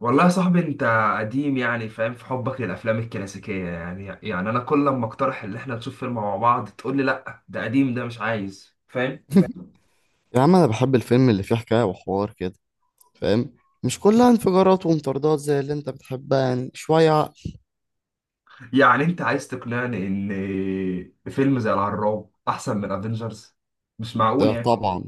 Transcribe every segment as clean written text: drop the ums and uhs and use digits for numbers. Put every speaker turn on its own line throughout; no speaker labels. والله يا صاحبي انت قديم، يعني فاهم في حبك للافلام الكلاسيكيه. يعني انا كل لما اقترح ان احنا نشوف فيلم مع بعض تقول لي لا، ده قديم، ده مش عايز، فاهم.
يا عم، انا بحب الفيلم اللي فيه حكاية وحوار كده، فاهم؟ مش كلها انفجارات ومطاردات زي اللي انت بتحبها، يعني شوية عقل.
يعني انت عايز تقنعني ان فيلم زي الهراب احسن من افنجرز؟ مش معقول
ده
يعني.
طبعا.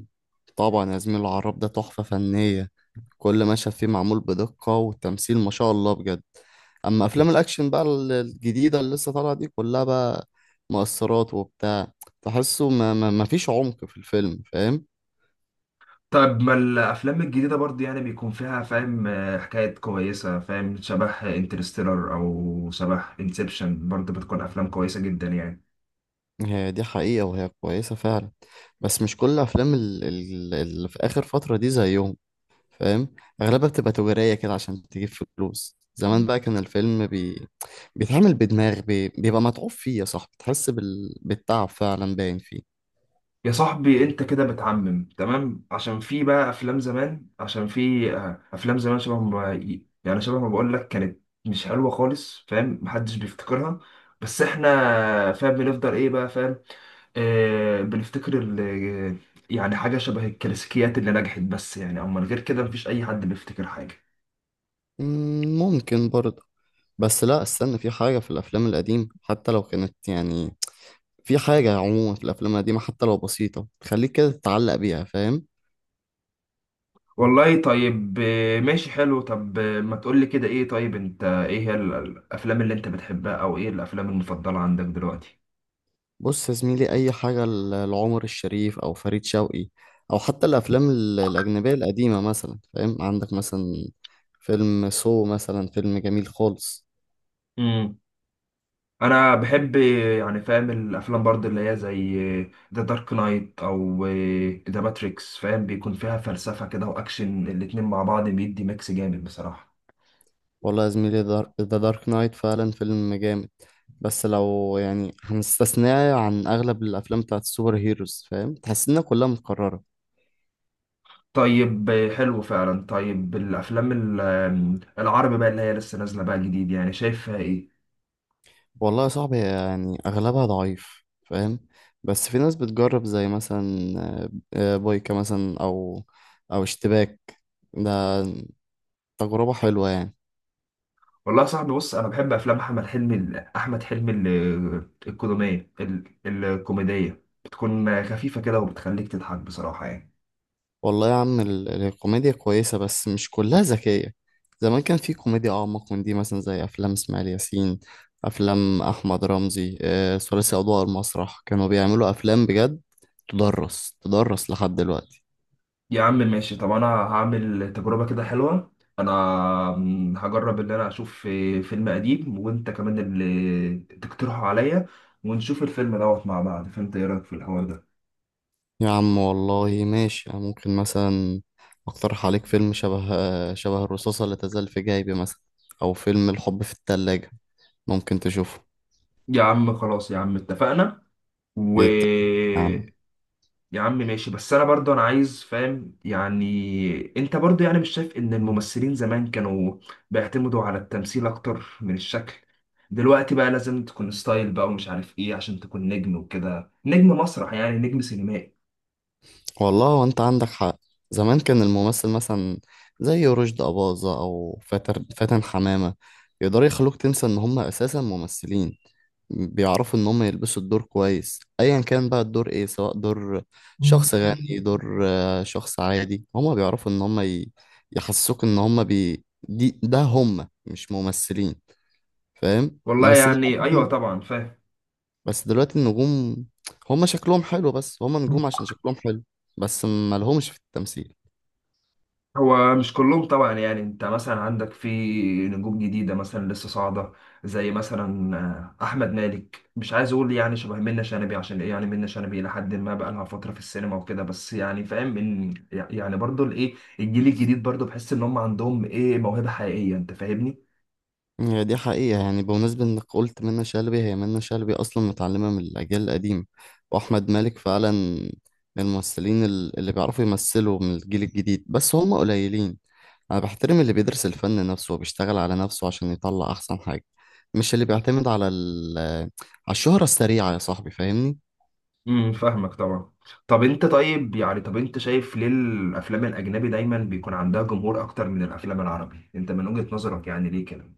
طبعا يا زميل، العراب ده تحفة فنية. كل مشهد فيه معمول بدقة، والتمثيل ما شاء الله بجد. اما افلام الاكشن بقى الجديدة اللي لسه طالعة دي، كلها بقى مؤثرات وبتاع. تحسه ما فيش عمق في الفيلم، فاهم؟
طب ما الافلام الجديده برضه يعني بيكون فيها، فاهم، حكايات كويسه، فاهم، شبه انترستيلر او شبه انسبشن، برضه بتكون افلام كويسه جدا يعني.
هي دي حقيقة وهي كويسة فعلا. بس مش كل افلام اللي في اخر فترة دي زيهم، فاهم؟ اغلبها بتبقى تجارية كده عشان تجيب فلوس. زمان بقى كان الفيلم بيتعمل بدماغ، بيبقى متعوب فيه يا صاحبي، تحس بالتعب فعلا باين فيه.
يا صاحبي انت كده بتعمم. تمام، عشان في بقى افلام زمان، عشان في افلام زمان شبه ما، يعني شبه ما بقول لك، كانت مش حلوه خالص، فاهم، محدش بيفتكرها. بس احنا، فاهم، بنفضل ايه بقى، فاهم، بنفتكر يعني حاجه شبه الكلاسيكيات اللي نجحت، بس يعني اما غير كده مفيش اي حد بيفتكر حاجه.
ممكن برضه. بس لا، استنى، في حاجة في الأفلام القديمة حتى لو كانت يعني، في حاجة عموما في الأفلام القديمة حتى لو بسيطة تخليك كده تتعلق بيها، فاهم؟
والله طيب، ماشي حلو. طب ما تقول لي كده، ايه طيب انت، ايه هي الافلام اللي انت بتحبها، او ايه الافلام المفضله عندك دلوقتي؟
بص يا زميلي، اي حاجه لعمر الشريف او فريد شوقي، او حتى الافلام الاجنبيه القديمه، مثلا فاهم. عندك مثلا فيلم سو مثلا، فيلم جميل خالص.
انا بحب يعني، فاهم، الافلام برضه اللي هي زي ذا دارك نايت او ذا ماتريكس، فاهم، بيكون فيها فلسفة كده واكشن، الاتنين مع بعض بيدي ميكس جامد بصراحة.
والله يا زميلي، ذا دارك نايت فعلا فيلم جامد. بس لو يعني هنستثناه عن اغلب الافلام بتاعت السوبر هيروز، فاهم؟ تحس انها كلها متكرره.
طيب، حلو فعلا. طيب الافلام العربي بقى اللي هي لسه نازلة بقى جديد، يعني شايفها ايه؟
والله يا صاحبي، يعني اغلبها ضعيف، فاهم؟ بس في ناس بتجرب، زي مثلا بويكا مثلا، او اشتباك. ده تجربة حلوة يعني.
والله يا صاحبي بص، انا بحب افلام احمد حلمي الكوميدية، بتكون خفيفة كده وبتخليك تضحك بصراحة يعني.
والله يا عم، الكوميديا كويسة بس مش كلها ذكية. زمان كان في كوميديا أعمق من دي، مثلا زي أفلام إسماعيل ياسين، أفلام أحمد رمزي، ثلاثي أضواء المسرح، كانوا بيعملوا أفلام بجد. تدرس تدرس لحد دلوقتي.
يا عم ماشي. طب انا هعمل تجربة كده حلوة. انا، هجرب ان انا اشوف فيلم قديم، وانت كمان اللي تقترحه عليا، ونشوف الفيلم دوت مع بعض. فانت ايه رأيك في الحوار ده؟
يا عم والله ماشي، أنا ممكن مثلا أقترح عليك فيلم شبه الرصاصة اللي تزال في جيبي مثلا، أو فيلم الحب في التلاجة، ممكن تشوفه.
يا عم خلاص، يا عم اتفقنا. و
إيه يا عم.
يا عم ماشي، بس انا برضه انا عايز، فاهم يعني، انت برضه يعني مش شايف ان الممثلين زمان كانوا بيعتمدوا على التمثيل اكتر من الشكل؟ دلوقتي بقى لازم تكون ستايل بقى، ومش عارف ايه، عشان تكون نجم وكده، نجم مسرح يعني، نجم سينمائي.
والله، وانت عندك حق. زمان كان الممثل مثلا زي رشدي أباظة أو فاتر فاتن حمامة، يقدروا يخلوك تنسى إن هم أساسا ممثلين. بيعرفوا إن هم يلبسوا الدور كويس، أيا كان بقى الدور إيه، سواء دور شخص غني، دور شخص عادي، هم بيعرفوا إن هم يحسسوك إن هم بي... دي ده هم مش ممثلين، فاهم؟ انا
والله
بس
يعني ايوه
دلوقتي
طبعا فاهم.
بس دلوقتي النجوم هما شكلهم حلو، بس هما نجوم عشان شكلهم حلو، بس ما لهمش في التمثيل.
هو مش كلهم طبعا يعني، انت مثلا عندك في نجوم جديدة مثلا لسه صاعدة، زي مثلا أحمد مالك. مش عايز أقول يعني شبه منة شلبي، عشان إيه يعني، منة شلبي إلى حد ما بقى لها فترة في السينما وكده، بس يعني فاهم إن يعني برضو الإيه، الجيل الجديد برضو بحس إن هم عندهم إيه موهبة حقيقية. أنت فاهمني؟
هي دي حقيقة، يعني بمناسبة انك قلت منة شلبي، هي منة شلبي اصلا متعلمة من الاجيال القديمة. واحمد مالك فعلا من الممثلين اللي بيعرفوا يمثلوا من الجيل الجديد، بس هما قليلين. انا بحترم اللي بيدرس الفن نفسه وبيشتغل على نفسه عشان يطلع احسن حاجة، مش اللي بيعتمد على الشهرة السريعة يا صاحبي، فاهمني؟
فاهمك طبعا. طب أنت طيب يعني، طب أنت شايف ليه الأفلام الأجنبي دايما بيكون عندها جمهور أكتر من الأفلام العربي؟ أنت من وجهة نظرك يعني ليه كده؟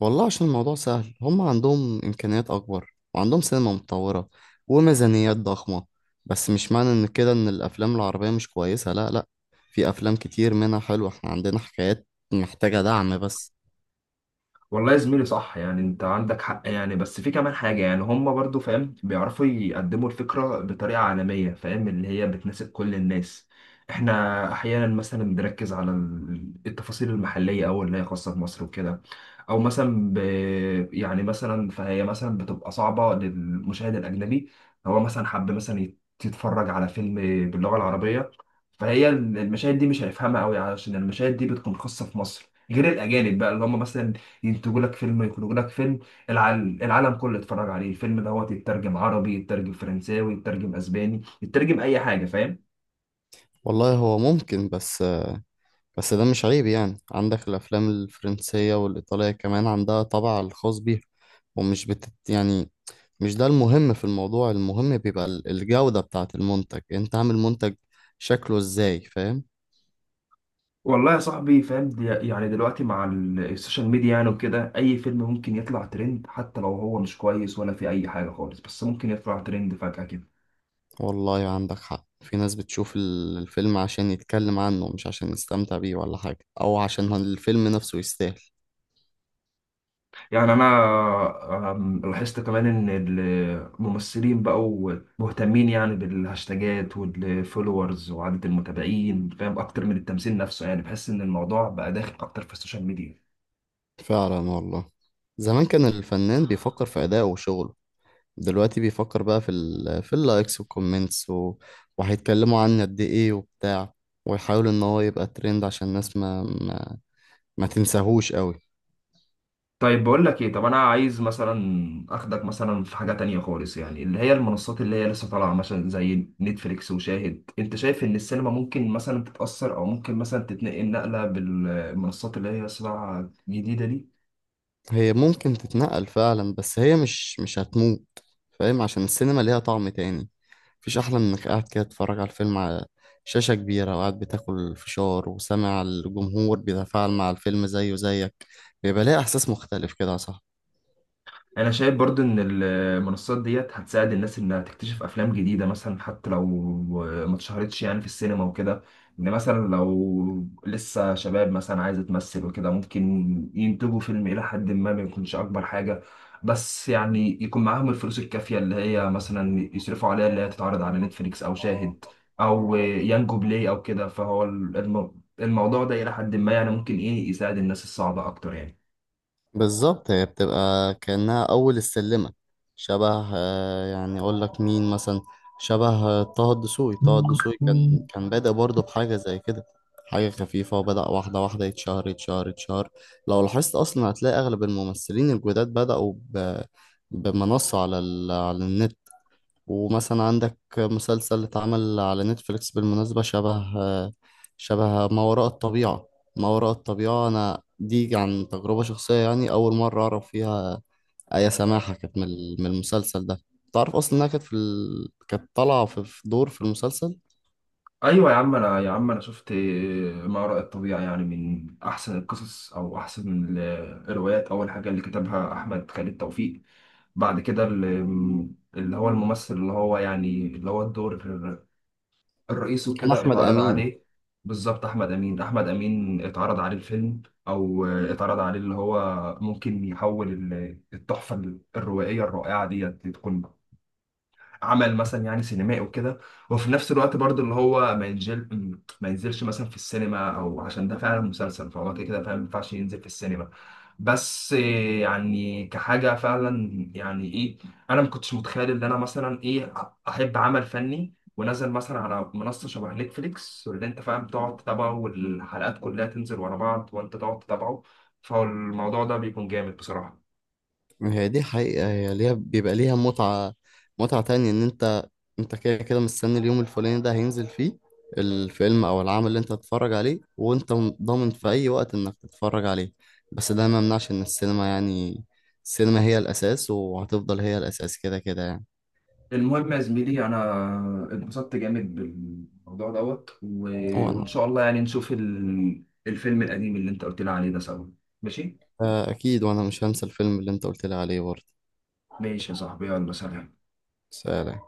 والله عشان الموضوع سهل، هم عندهم إمكانيات أكبر، وعندهم سينما متطورة وميزانيات ضخمة. بس مش معنى إن كده إن الأفلام العربية مش كويسة، لا لا، في أفلام كتير منها حلوة، إحنا عندنا حكايات محتاجة دعم بس.
والله يا زميلي صح، يعني انت عندك حق يعني. بس في كمان حاجة يعني، هم برضو، فاهم، بيعرفوا يقدموا الفكرة بطريقة عالمية، فاهم، اللي هي بتناسب كل الناس. احنا احيانا مثلا بنركز على التفاصيل المحلية او اللي هي خاصة بمصر وكده، او مثلا يعني مثلا، فهي مثلا بتبقى صعبة للمشاهد الاجنبي. هو مثلا حب مثلا يتفرج على فيلم باللغة العربية، فهي المشاهد دي مش هيفهمها قوي، عشان المشاهد دي بتكون خاصة في مصر، غير الاجانب بقى اللي هم مثلا ينتجوا لك فيلم، يخرجوا لك فيلم العالم كله يتفرج عليه، الفيلم دوت يترجم عربي، يترجم فرنساوي، يترجم اسباني، يترجم اي حاجه، فاهم.
والله هو ممكن، بس ده مش عيب يعني. عندك الأفلام الفرنسية والإيطالية كمان عندها طابع الخاص بيها، ومش بتت يعني. مش ده المهم في الموضوع، المهم بيبقى الجودة بتاعة المنتج. أنت عامل منتج شكله إزاي، فاهم؟
والله يا صاحبي، فاهم دي يعني، دلوقتي مع السوشيال ميديا يعني وكده، اي فيلم ممكن يطلع ترند، حتى لو هو مش كويس ولا في اي حاجه خالص، بس ممكن يطلع ترند فجاه كده.
والله عندك حق، في ناس بتشوف الفيلم عشان يتكلم عنه، مش عشان يستمتع بيه ولا حاجة، أو عشان الفيلم نفسه يستاهل.
يعني انا لاحظت كمان ان الممثلين بقوا مهتمين يعني بالهاشتاجات والفولورز وعدد المتابعين، فاهم، اكتر من التمثيل نفسه، يعني بحس ان الموضوع بقى داخل اكتر في السوشيال ميديا.
فعلا والله. زمان كان الفنان بيفكر في أدائه وشغله، دلوقتي بيفكر بقى في اللايكس والكومنتس، و... وهيتكلموا عنه قد إيه وبتاع. ويحاول إن هو يبقى ترند عشان الناس ما تنساهوش قوي.
طيب بقول لك ايه، طب انا عايز مثلا اخدك مثلا في حاجة تانية خالص يعني، اللي هي المنصات اللي هي لسه طالعة، مثلا زي نتفليكس وشاهد. انت شايف ان السينما ممكن مثلا تتأثر، او ممكن مثلا تتنقل نقلة بالمنصات اللي هي لسه طالعة جديدة دي؟
هي ممكن تتنقل فعلا، بس هي مش هتموت، فاهم؟ عشان السينما ليها طعم تاني. مفيش أحلى من إنك قاعد كده تتفرج على الفيلم على شاشة كبيرة، وقاعد بتاكل فشار، وسامع الجمهور بيتفاعل مع الفيلم زيه زيك. بيبقى ليه إحساس مختلف كده يا صاحبي.
انا شايف برضو ان المنصات ديت هتساعد الناس انها تكتشف افلام جديده مثلا، حتى لو ما اتشهرتش يعني في السينما وكده، ان مثلا لو لسه شباب مثلا عايزه تمثل وكده، ممكن ينتجوا فيلم الى حد ما، ما يكونش اكبر حاجه، بس يعني يكون معاهم الفلوس الكافيه اللي هي مثلا يصرفوا عليها، اللي هي تتعرض على نتفليكس او شاهد او يانجو بلاي او كده. فهو الموضوع ده الى حد ما يعني ممكن ايه يساعد الناس الصعبه اكتر.
بالظبط، هي بتبقى كأنها أول السلمة. شبه آه، يعني أقول لك مين مثلا، شبه طه الدسوقي
يعني
كان بادئ برضه بحاجة زي كده، حاجة خفيفة. وبدأ واحدة واحدة يتشهر يتشهر يتشهر. لو لاحظت أصلا هتلاقي أغلب الممثلين الجداد بدأوا بمنصة على النت. ومثلا عندك مسلسل اتعمل على نتفليكس بالمناسبة، شبه ما وراء الطبيعة. ما وراء الطبيعة، أنا دي عن تجربة شخصية يعني، أول مرة أعرف فيها آية سماحة كانت من المسلسل ده. تعرف أصلا إنها كانت كانت طالعة في دور في المسلسل.
ايوه يا عم انا شفت ما وراء الطبيعه، يعني من احسن القصص او احسن الروايات. اول حاجه اللي كتبها احمد خالد توفيق، بعد كده اللي هو الممثل، اللي هو يعني اللي هو الدور الرئيسي
كان
وكده،
أحمد
اتعرض
أمين.
عليه. بالظبط احمد امين، احمد امين اتعرض عليه الفيلم، او اتعرض عليه اللي هو ممكن يحول التحفه الروائيه الرائعه ديت تكون عمل مثلا يعني سينمائي وكده. وفي نفس الوقت برضو اللي هو ما ينزلش مثلا في السينما، او عشان ده فعلا مسلسل، فهو كده كده فعلا ما ينفعش ينزل في السينما. بس إيه، يعني كحاجة فعلا يعني ايه، انا ما كنتش متخيل ان انا مثلا، ايه، احب عمل فني ونزل مثلا على منصة شبه نتفليكس، واللي انت فاهم تقعد تتابعه، والحلقات كلها تنزل ورا بعض وانت تقعد تتابعه. فالموضوع ده بيكون جامد بصراحة.
هي دي حقيقة، هي ليها، بيبقى ليها متعة، متعة تانية. إن انت كده كده مستني اليوم الفلاني ده هينزل فيه الفيلم او العمل اللي انت هتتفرج عليه، وانت ضامن في اي وقت انك تتفرج عليه. بس ده ما يمنعش ان السينما يعني، السينما هي الاساس، وهتفضل هي الاساس كده كده يعني.
المهم يا زميلي، انا اتبسطت جامد بالموضوع دوت،
وانا
وان شاء الله يعني نشوف الفيلم القديم اللي انت قلت لي عليه ده سوا. ماشي.
آه، اكيد، وانا مش هنسى الفيلم اللي انت قلت لي عليه برضه.
ماشي يا صاحبي، يلا، سلام.
سلام.